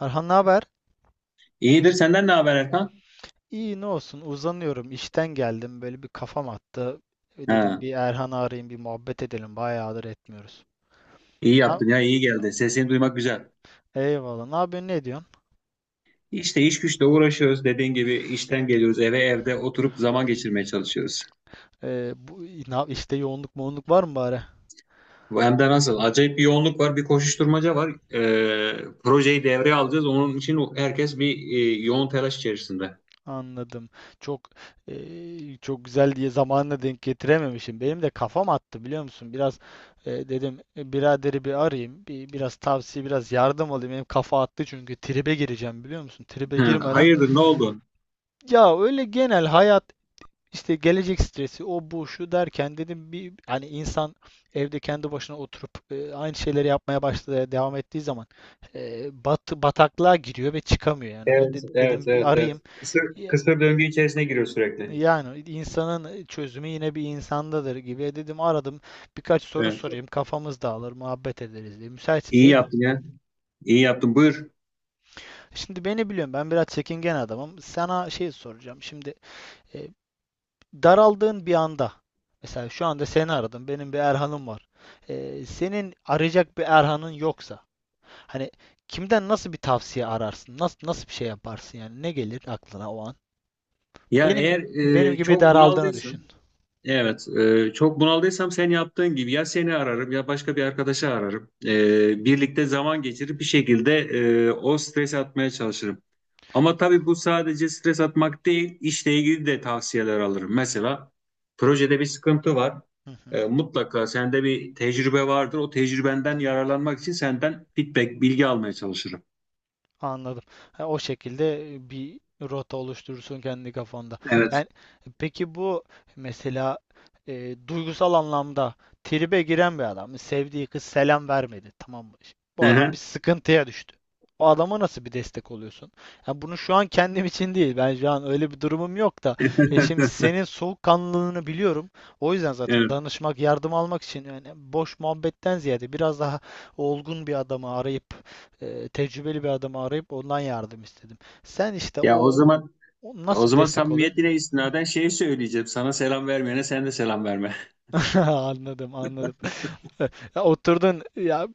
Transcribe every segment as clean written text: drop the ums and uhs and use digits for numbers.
Erhan, ne haber? İyidir. Senden ne haber Erkan? İyi, ne olsun, uzanıyorum, işten geldim, böyle bir kafam attı. Dedim Ha, bir Erhan'ı arayayım, bir muhabbet edelim, bayağıdır etmiyoruz. iyi Ne? yaptın ya iyi geldi. Sesini duymak güzel. Eyvallah, ne yapıyorsun, ne diyorsun? İşte iş güçle uğraşıyoruz. Dediğin gibi işten geliyoruz eve evde oturup zaman geçirmeye çalışıyoruz. E, bu, işte yoğunluk moğunluk var mı bari? Bu hem de nasıl? Acayip bir yoğunluk var, bir koşuşturmaca var. Projeyi devreye alacağız. Onun için herkes bir yoğun telaş içerisinde. Anladım. Çok çok güzel diye zamanına denk getirememişim. Benim de kafam attı, biliyor musun? Biraz dedim, biraderi bir arayayım. Biraz tavsiye, biraz yardım alayım. Benim kafa attı çünkü tribe gireceğim, biliyor musun? Tribe Ha, girmeden, hayırdır, ne oldu? ya öyle genel hayat, İşte gelecek stresi, o bu şu derken dedim, bir hani insan evde kendi başına oturup aynı şeyleri yapmaya başladı, devam ettiği zaman bataklığa giriyor ve çıkamıyor yani. Evet, evet, Dedim bir evet, evet. arayayım. Ya- Kısır döngü içerisine giriyor sürekli. Yani insanın çözümü yine bir insandadır gibi. Dedim aradım. Birkaç soru Evet. sorayım, kafamız dağılır, muhabbet ederiz diye. Müsaitsin İyi değil mi? yaptın ya. İyi yaptın. Buyur. Şimdi beni biliyorum. Ben biraz çekingen adamım. Sana şey soracağım. Şimdi e, daraldığın bir anda, mesela şu anda seni aradım. Benim bir Erhan'ım var. Senin arayacak bir Erhan'ın yoksa, hani kimden, nasıl bir tavsiye ararsın? Nasıl bir şey yaparsın yani? Ne gelir aklına o an? Ya Benim eğer gibi benim gibi çok daraldığını düşün. bunaldıysın, evet, çok bunaldıysam sen yaptığın gibi ya seni ararım ya başka bir arkadaşı ararım. Birlikte zaman geçirip bir şekilde o stresi atmaya çalışırım. Ama tabii bu sadece stres atmak değil, işle ilgili de tavsiyeler alırım. Mesela projede bir sıkıntı var. Hı hı. Mutlaka sende bir tecrübe vardır. O tecrübenden yararlanmak için senden feedback, bilgi almaya çalışırım. Anladım. Ha, o şekilde bir rota oluşturursun kendi kafanda. Evet. Yani peki, bu mesela duygusal anlamda tribe giren bir adam, sevdiği kız selam vermedi, tamam mı? Bu adam bir Hı. sıkıntıya düştü. O adama nasıl bir destek oluyorsun? Ya, bunu şu an kendim için değil, ben şu an öyle bir durumum yok da. Şimdi senin soğukkanlılığını biliyorum. O yüzden zaten Evet. danışmak, yardım almak için, yani boş muhabbetten ziyade biraz daha olgun bir adamı arayıp, tecrübeli bir adamı arayıp ondan yardım istedim. Sen işte Ya o o, zaman o O nasıl bir zaman destek oluyorsun? samimiyetine istinaden şey söyleyeceğim. Sana selam vermeyene sen de selam verme. Anladım, anladım. Ya oturdun ya,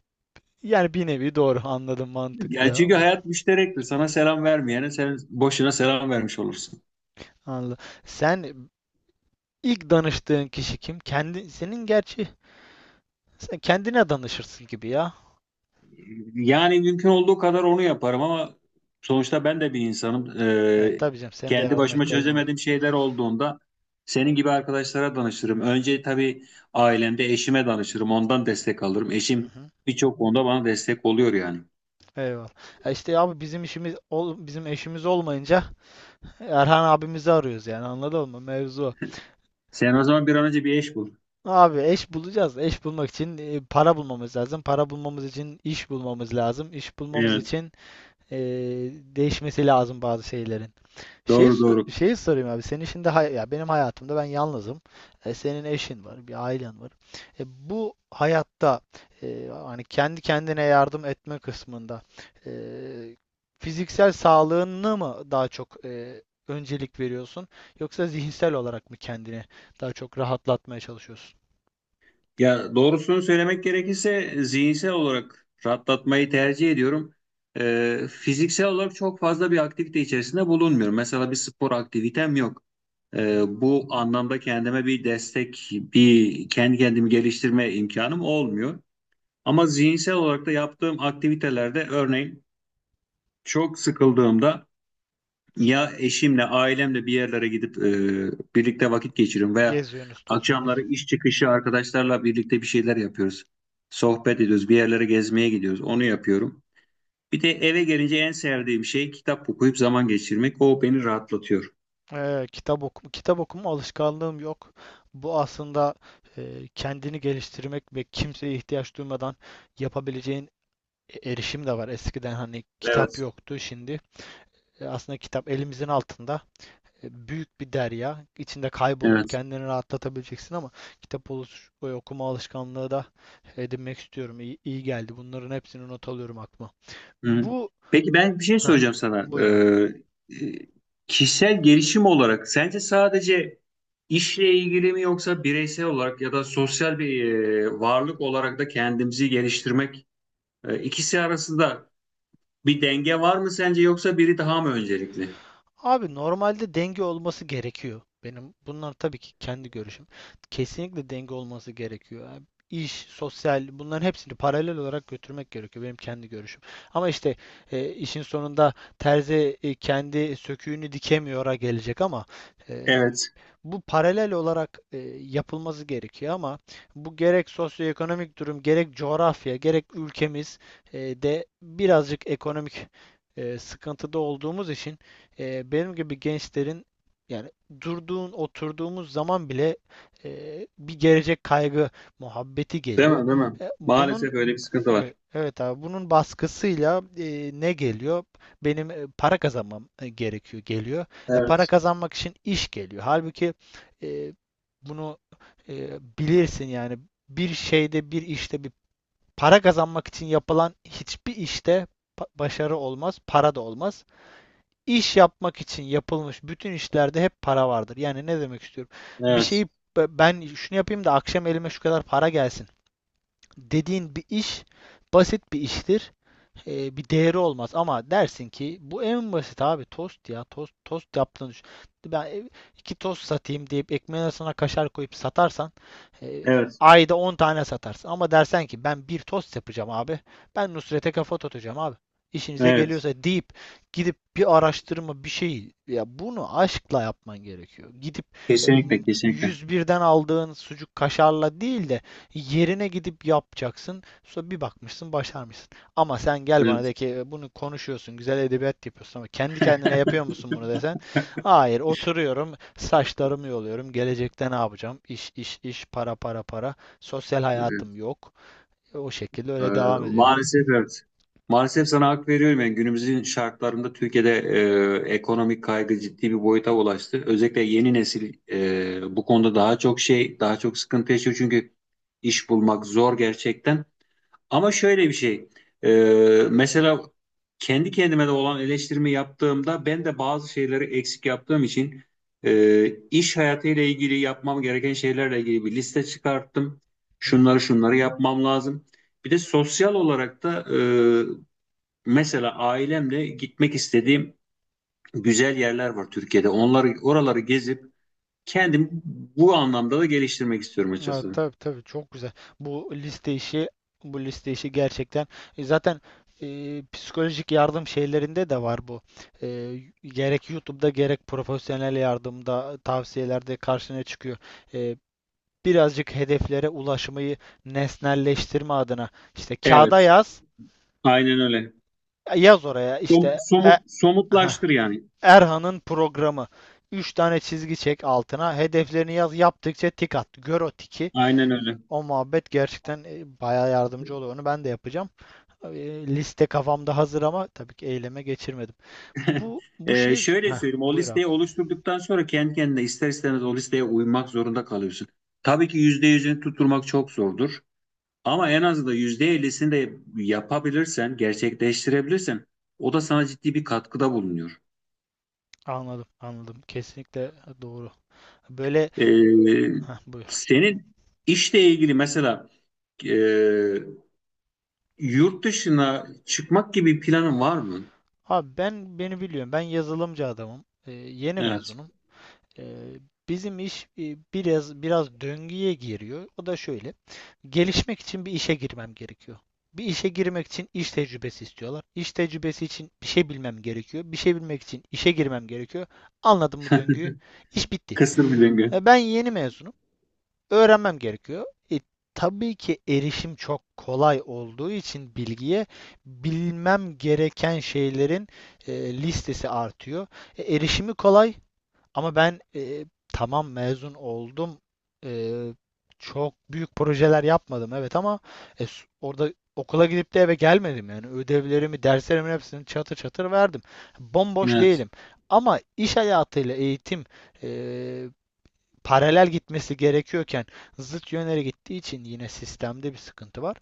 yani bir nevi, doğru anladım, Ya çünkü mantıklı. hayat müşterektir. Sana selam vermeyene sen boşuna selam vermiş olursun. Anladım. Sen ilk danıştığın kişi kim? Kendi senin, gerçi sen kendine danışırsın gibi ya. Yani mümkün olduğu kadar onu yaparım ama sonuçta ben de bir insanım. Evet, tabii canım, senin de Kendi yardıma başıma ihtiyacın olur. çözemediğim şeyler olduğunda senin gibi arkadaşlara danışırım. Önce tabii ailemde eşime danışırım. Ondan destek alırım. Hı Eşim hı. birçok konuda bana destek oluyor yani. Eyvallah. Ya işte abi, bizim işimiz bizim eşimiz olmayınca Erhan abimizi arıyoruz yani, anladın mı? Mevzu o. Sen o zaman bir an önce bir eş bul. Abi, eş bulacağız. Eş bulmak için para bulmamız lazım. Para bulmamız için iş bulmamız lazım. İş bulmamız Evet. için e, değişmesi lazım bazı şeylerin. Doğru, doğru. Şeyi sorayım abi. Senin şimdi ya, benim hayatımda ben yalnızım. Senin eşin var, bir ailen var. E, Bu hayatta hani kendi kendine yardım etme kısmında, e, fiziksel sağlığını mı daha çok öncelik veriyorsun, yoksa zihinsel olarak mı kendini daha çok rahatlatmaya çalışıyorsun? Ya doğrusunu söylemek gerekirse zihinsel olarak rahatlatmayı tercih ediyorum. Fiziksel olarak çok fazla bir aktivite içerisinde bulunmuyorum. Mesela bir spor aktivitem yok. Hı hı. Bu anlamda kendime bir destek, bir kendi kendimi geliştirme imkanım olmuyor. Ama zihinsel olarak da yaptığım aktivitelerde örneğin çok sıkıldığımda ya eşimle, ailemle bir yerlere gidip birlikte vakit geçiriyorum veya Geziyorsunuz, akşamları tozuyorsunuz. iş çıkışı arkadaşlarla birlikte bir şeyler yapıyoruz. Sohbet ediyoruz, bir yerlere gezmeye gidiyoruz. Onu yapıyorum. Bir de eve gelince en sevdiğim şey kitap okuyup zaman geçirmek. O beni rahatlatıyor. Kitap okuma alışkanlığım yok. Bu aslında kendini geliştirmek ve kimseye ihtiyaç duymadan yapabileceğin erişim de var. Eskiden hani kitap Evet. yoktu, şimdi aslında kitap elimizin altında. Büyük bir derya, İçinde kaybolup Evet. kendini rahatlatabileceksin ama okuma alışkanlığı da edinmek istiyorum. İyi, iyi geldi. Bunların hepsini not alıyorum aklıma. Hı. Bu Peki ben bir şey Heh, soracağım sana. Buyur abi. e, Kişisel gelişim olarak sence sadece işle ilgili mi yoksa bireysel olarak ya da sosyal bir varlık olarak da kendimizi geliştirmek. İkisi arasında bir denge var mı sence yoksa biri daha mı öncelikli? Abi, normalde denge olması gerekiyor. Benim bunlar tabii ki kendi görüşüm. Kesinlikle denge olması gerekiyor. Yani İş, sosyal, bunların hepsini paralel olarak götürmek gerekiyor. Benim kendi görüşüm. Ama işte işin sonunda terzi kendi söküğünü dikemiyor'a gelecek ama e, Evet. bu paralel olarak yapılması gerekiyor ama bu, gerek sosyoekonomik durum, gerek coğrafya, gerek ülkemiz de birazcık ekonomik sıkıntıda olduğumuz için benim gibi gençlerin, yani oturduğumuz zaman bile bir gelecek kaygı muhabbeti Değil geliyor. mi? Değil mi? E, bunun Maalesef öyle bir sıkıntı Evet, var. evet abi, bunun baskısıyla ne geliyor? Benim para kazanmam gerekiyor geliyor. Para Evet. kazanmak için iş geliyor. Halbuki e, bunu e, bilirsin yani, bir şeyde, bir işte, bir para kazanmak için yapılan hiçbir işte başarı olmaz, para da olmaz. İş yapmak için yapılmış bütün işlerde hep para vardır. Yani ne demek istiyorum? Bir Evet. şeyi, ben şunu yapayım da akşam elime şu kadar para gelsin dediğin bir iş basit bir iştir, bir değeri olmaz. Ama dersin ki, bu en basit abi, tost, ya tost yaptığını düşün. Ben iki tost satayım deyip ekmeğin arasına kaşar koyup satarsan e, Evet. ayda 10 tane satarsın. Ama dersen ki ben bir tost yapacağım abi. Ben Nusret'e kafa tutacağım abi. İşinize Evet. geliyorsa deyip gidip bir araştırma, bir şey, ya bunu aşkla yapman gerekiyor. Gidip e, Kesinlikle. Kesinlikle. yüz birden aldığın sucuk kaşarla değil de yerine gidip yapacaksın. Sonra bir bakmışsın başarmışsın. Ama sen gel bana Evet. de ki, Bunu konuşuyorsun, güzel edebiyat yapıyorsun ama kendi kendine yapıyor musun bunu desen? Hayır, oturuyorum, saçlarımı yoluyorum, gelecekte ne yapacağım? İş iş, iş, para, para, para. Sosyal Evet. hayatım yok. O şekilde E, öyle devam ediyor yani." Maalesef evet. Maalesef sana hak veriyorum. Yani günümüzün şartlarında Türkiye'de ekonomik kaygı ciddi bir boyuta ulaştı. Özellikle yeni nesil bu konuda daha çok daha çok sıkıntı yaşıyor. Çünkü iş bulmak zor gerçekten. Ama şöyle bir şey. e, Mesela kendi kendime de olan eleştirimi yaptığımda ben de bazı şeyleri eksik yaptığım için iş hayatıyla ilgili yapmam gereken şeylerle ilgili bir liste çıkarttım. Hı hı. Şunları şunları yapmam lazım. Bir de sosyal olarak da mesela ailemle gitmek istediğim güzel yerler var Türkiye'de. Onları oraları gezip kendimi bu anlamda da geliştirmek istiyorum Evet, açıkçası. tabii tabii, çok güzel. Bu liste işi, bu liste işi gerçekten zaten psikolojik yardım şeylerinde de var bu. E, Gerek YouTube'da, gerek profesyonel yardımda tavsiyelerde karşına çıkıyor. E, Birazcık hedeflere ulaşmayı nesnelleştirme adına işte kağıda Evet. yaz, Aynen öyle. yaz oraya işte Somut, somutlaştır yani. Erhan'ın programı. Üç tane çizgi çek altına. Hedeflerini yaz. Yaptıkça tik at. Gör o tiki. Aynen öyle. O muhabbet gerçekten bayağı yardımcı oluyor. Onu ben de yapacağım. Liste kafamda hazır ama tabii ki eyleme geçirmedim. Bu bu şey Şöyle Heh, söyleyeyim, o buyur abi. listeyi oluşturduktan sonra kendi kendine ister istemez o listeye uymak zorunda kalıyorsun. Tabii ki %100'ünü tutturmak çok zordur. Ama en azından %50'sini de yapabilirsen, gerçekleştirebilirsen o da sana ciddi bir katkıda bulunuyor. Anladım, anladım. Kesinlikle doğru. Böyle Ee, Heh, buyur. Senin işle ilgili mesela e, yurt dışına çıkmak gibi planın var mı? Abi, ben beni biliyorum. Ben yazılımcı adamım. Yeni Evet. mezunum. Ee, Bizim iş biraz biraz döngüye giriyor. O da şöyle. Gelişmek için bir işe girmem gerekiyor. Bir işe girmek için iş tecrübesi istiyorlar. İş tecrübesi için bir şey bilmem gerekiyor. Bir şey bilmek için işe girmem gerekiyor. Anladın mı döngüyü? İş bitti. Kısır bir döngü. Ben yeni mezunum, öğrenmem gerekiyor. E, tabii ki erişim çok kolay olduğu için bilgiye, bilmem gereken şeylerin listesi artıyor. Erişimi kolay ama ben, tamam, mezun oldum. E, Çok büyük projeler yapmadım evet ama e, orada okula gidip de eve gelmedim yani, ödevlerimi, derslerimin hepsini çatır çatır verdim. Bomboş Evet. değilim. Ama iş hayatıyla eğitim e, paralel gitmesi gerekiyorken zıt yönlere gittiği için yine sistemde bir sıkıntı var.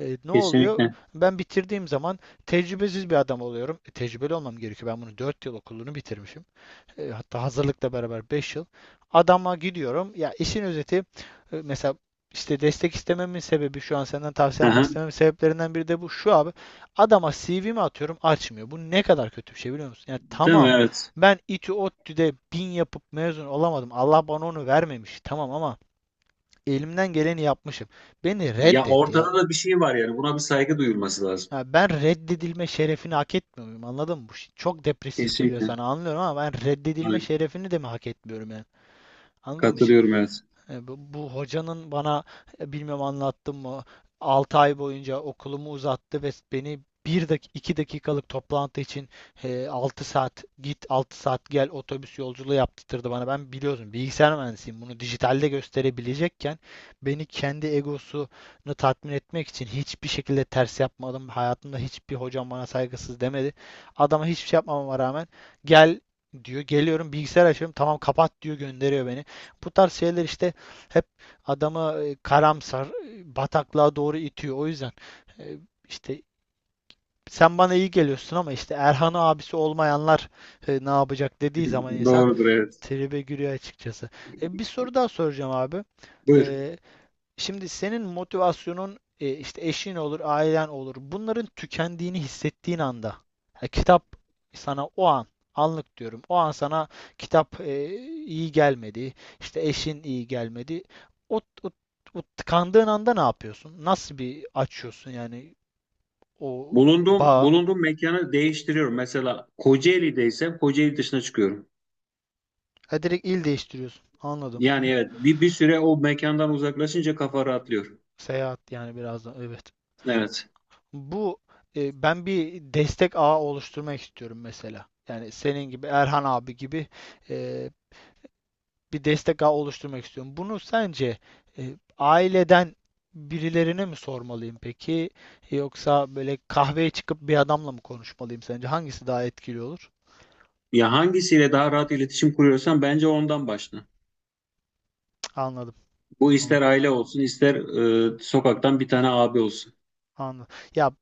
Ne oluyor? Kesinlikle. Ben bitirdiğim zaman tecrübesiz bir adam oluyorum. Tecrübeli olmam gerekiyor. Ben bunu 4 yıl okulunu bitirmişim. Hatta hazırlıkla beraber 5 yıl. Adama gidiyorum. Ya, işin özeti, mesela işte destek istememin sebebi, şu an senden tavsiye almak Aha, istememin sebeplerinden biri de bu şu abi. Adama CV'mi atıyorum, açmıyor. Bu ne kadar kötü bir şey biliyor musun? Yani değil mi? tamam, Evet. ben İTÜ ODTÜ'de bin yapıp mezun olamadım. Allah bana onu vermemiş. Tamam ama elimden geleni yapmışım. Beni Ya reddet ya. ortada da bir şey var yani. Buna bir saygı duyulması lazım. Ya, ben reddedilme şerefini hak etmiyor muyum? Anladın mı? Bu şey çok depresif geliyor Kesinlikle. sana, anlıyorum ama ben reddedilme Yani şerefini de mi hak etmiyorum yani? Anladın mı? Şi- katılıyorum evet. e, Bu, bu hocanın bana, bilmem anlattım mı, 6 ay boyunca okulumu uzattı ve beni bir dak 2 dakikalık toplantı için 6 saat git, 6 saat gel otobüs yolculuğu yaptırdı bana. Ben, biliyorsun, bilgisayar mühendisiyim. Bunu dijitalde gösterebilecekken, beni kendi egosunu tatmin etmek için hiçbir şekilde ters yapmadım. Hayatımda hiçbir hocam bana saygısız demedi. Adama hiçbir şey yapmamama rağmen gel diyor. Geliyorum, bilgisayar açıyorum. Tamam kapat diyor, gönderiyor beni. Bu tarz şeyler işte hep adamı karamsar, bataklığa doğru itiyor. O yüzden e, işte sen bana iyi geliyorsun ama işte Erhan abisi olmayanlar ne yapacak dediği zaman insan Doğrudur evet. tribe giriyor açıkçası. Bir soru daha soracağım abi. Buyur. E, Şimdi senin motivasyonun işte eşin olur, ailen olur. Bunların tükendiğini hissettiğin anda, ya, kitap sana o an, anlık diyorum. O an sana kitap iyi gelmedi, işte eşin iyi gelmedi. O, o, o tıkandığın anda ne yapıyorsun? Nasıl bir açıyorsun yani o bağ? Bulunduğum mekanı değiştiriyorum. Mesela Kocaeli'deysem Kocaeli dışına çıkıyorum. Ha, direkt il değiştiriyorsun. Anladım, Yani güzel. evet bir süre o mekandan uzaklaşınca kafa rahatlıyor. Seyahat yani biraz da, evet. Evet. Bu Ben bir destek ağı oluşturmak istiyorum mesela. Yani senin gibi, Erhan abi gibi, e, bir destek ağı oluşturmak istiyorum. Bunu sence aileden birilerine mi sormalıyım peki? Yoksa böyle kahveye çıkıp bir adamla mı konuşmalıyım sence? Hangisi daha etkili olur? Ya hangisiyle daha rahat iletişim kuruyorsan bence ondan başla. Cık. Anladım. Bu ister Anladım. aile olsun ister sokaktan bir tane abi olsun. Anladım. Ya,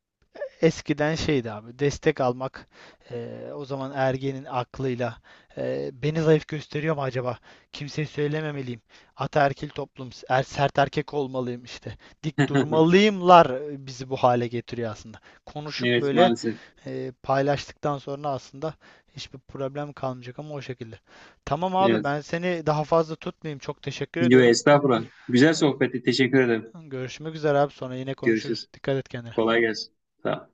eskiden şeydi abi, destek almak, o zaman ergenin aklıyla beni zayıf gösteriyor mu acaba? Kimseye söylememeliyim. Ataerkil toplum, sert erkek olmalıyım işte. Dik durmalıyımlar, bizi bu hale getiriyor aslında. Konuşup Evet böyle, maalesef. Paylaştıktan sonra aslında hiçbir problem kalmayacak ama o şekilde. Tamam abi, Evet. ben seni daha fazla tutmayayım. Çok teşekkür Yo, ediyorum. estağfurullah. Güzel Ay, sohbetti. Teşekkür ederim. Görüşmek üzere abi, sonra yine Görüşürüz. konuşuruz. Dikkat et kendine. Kolay gelsin. Sağ ol.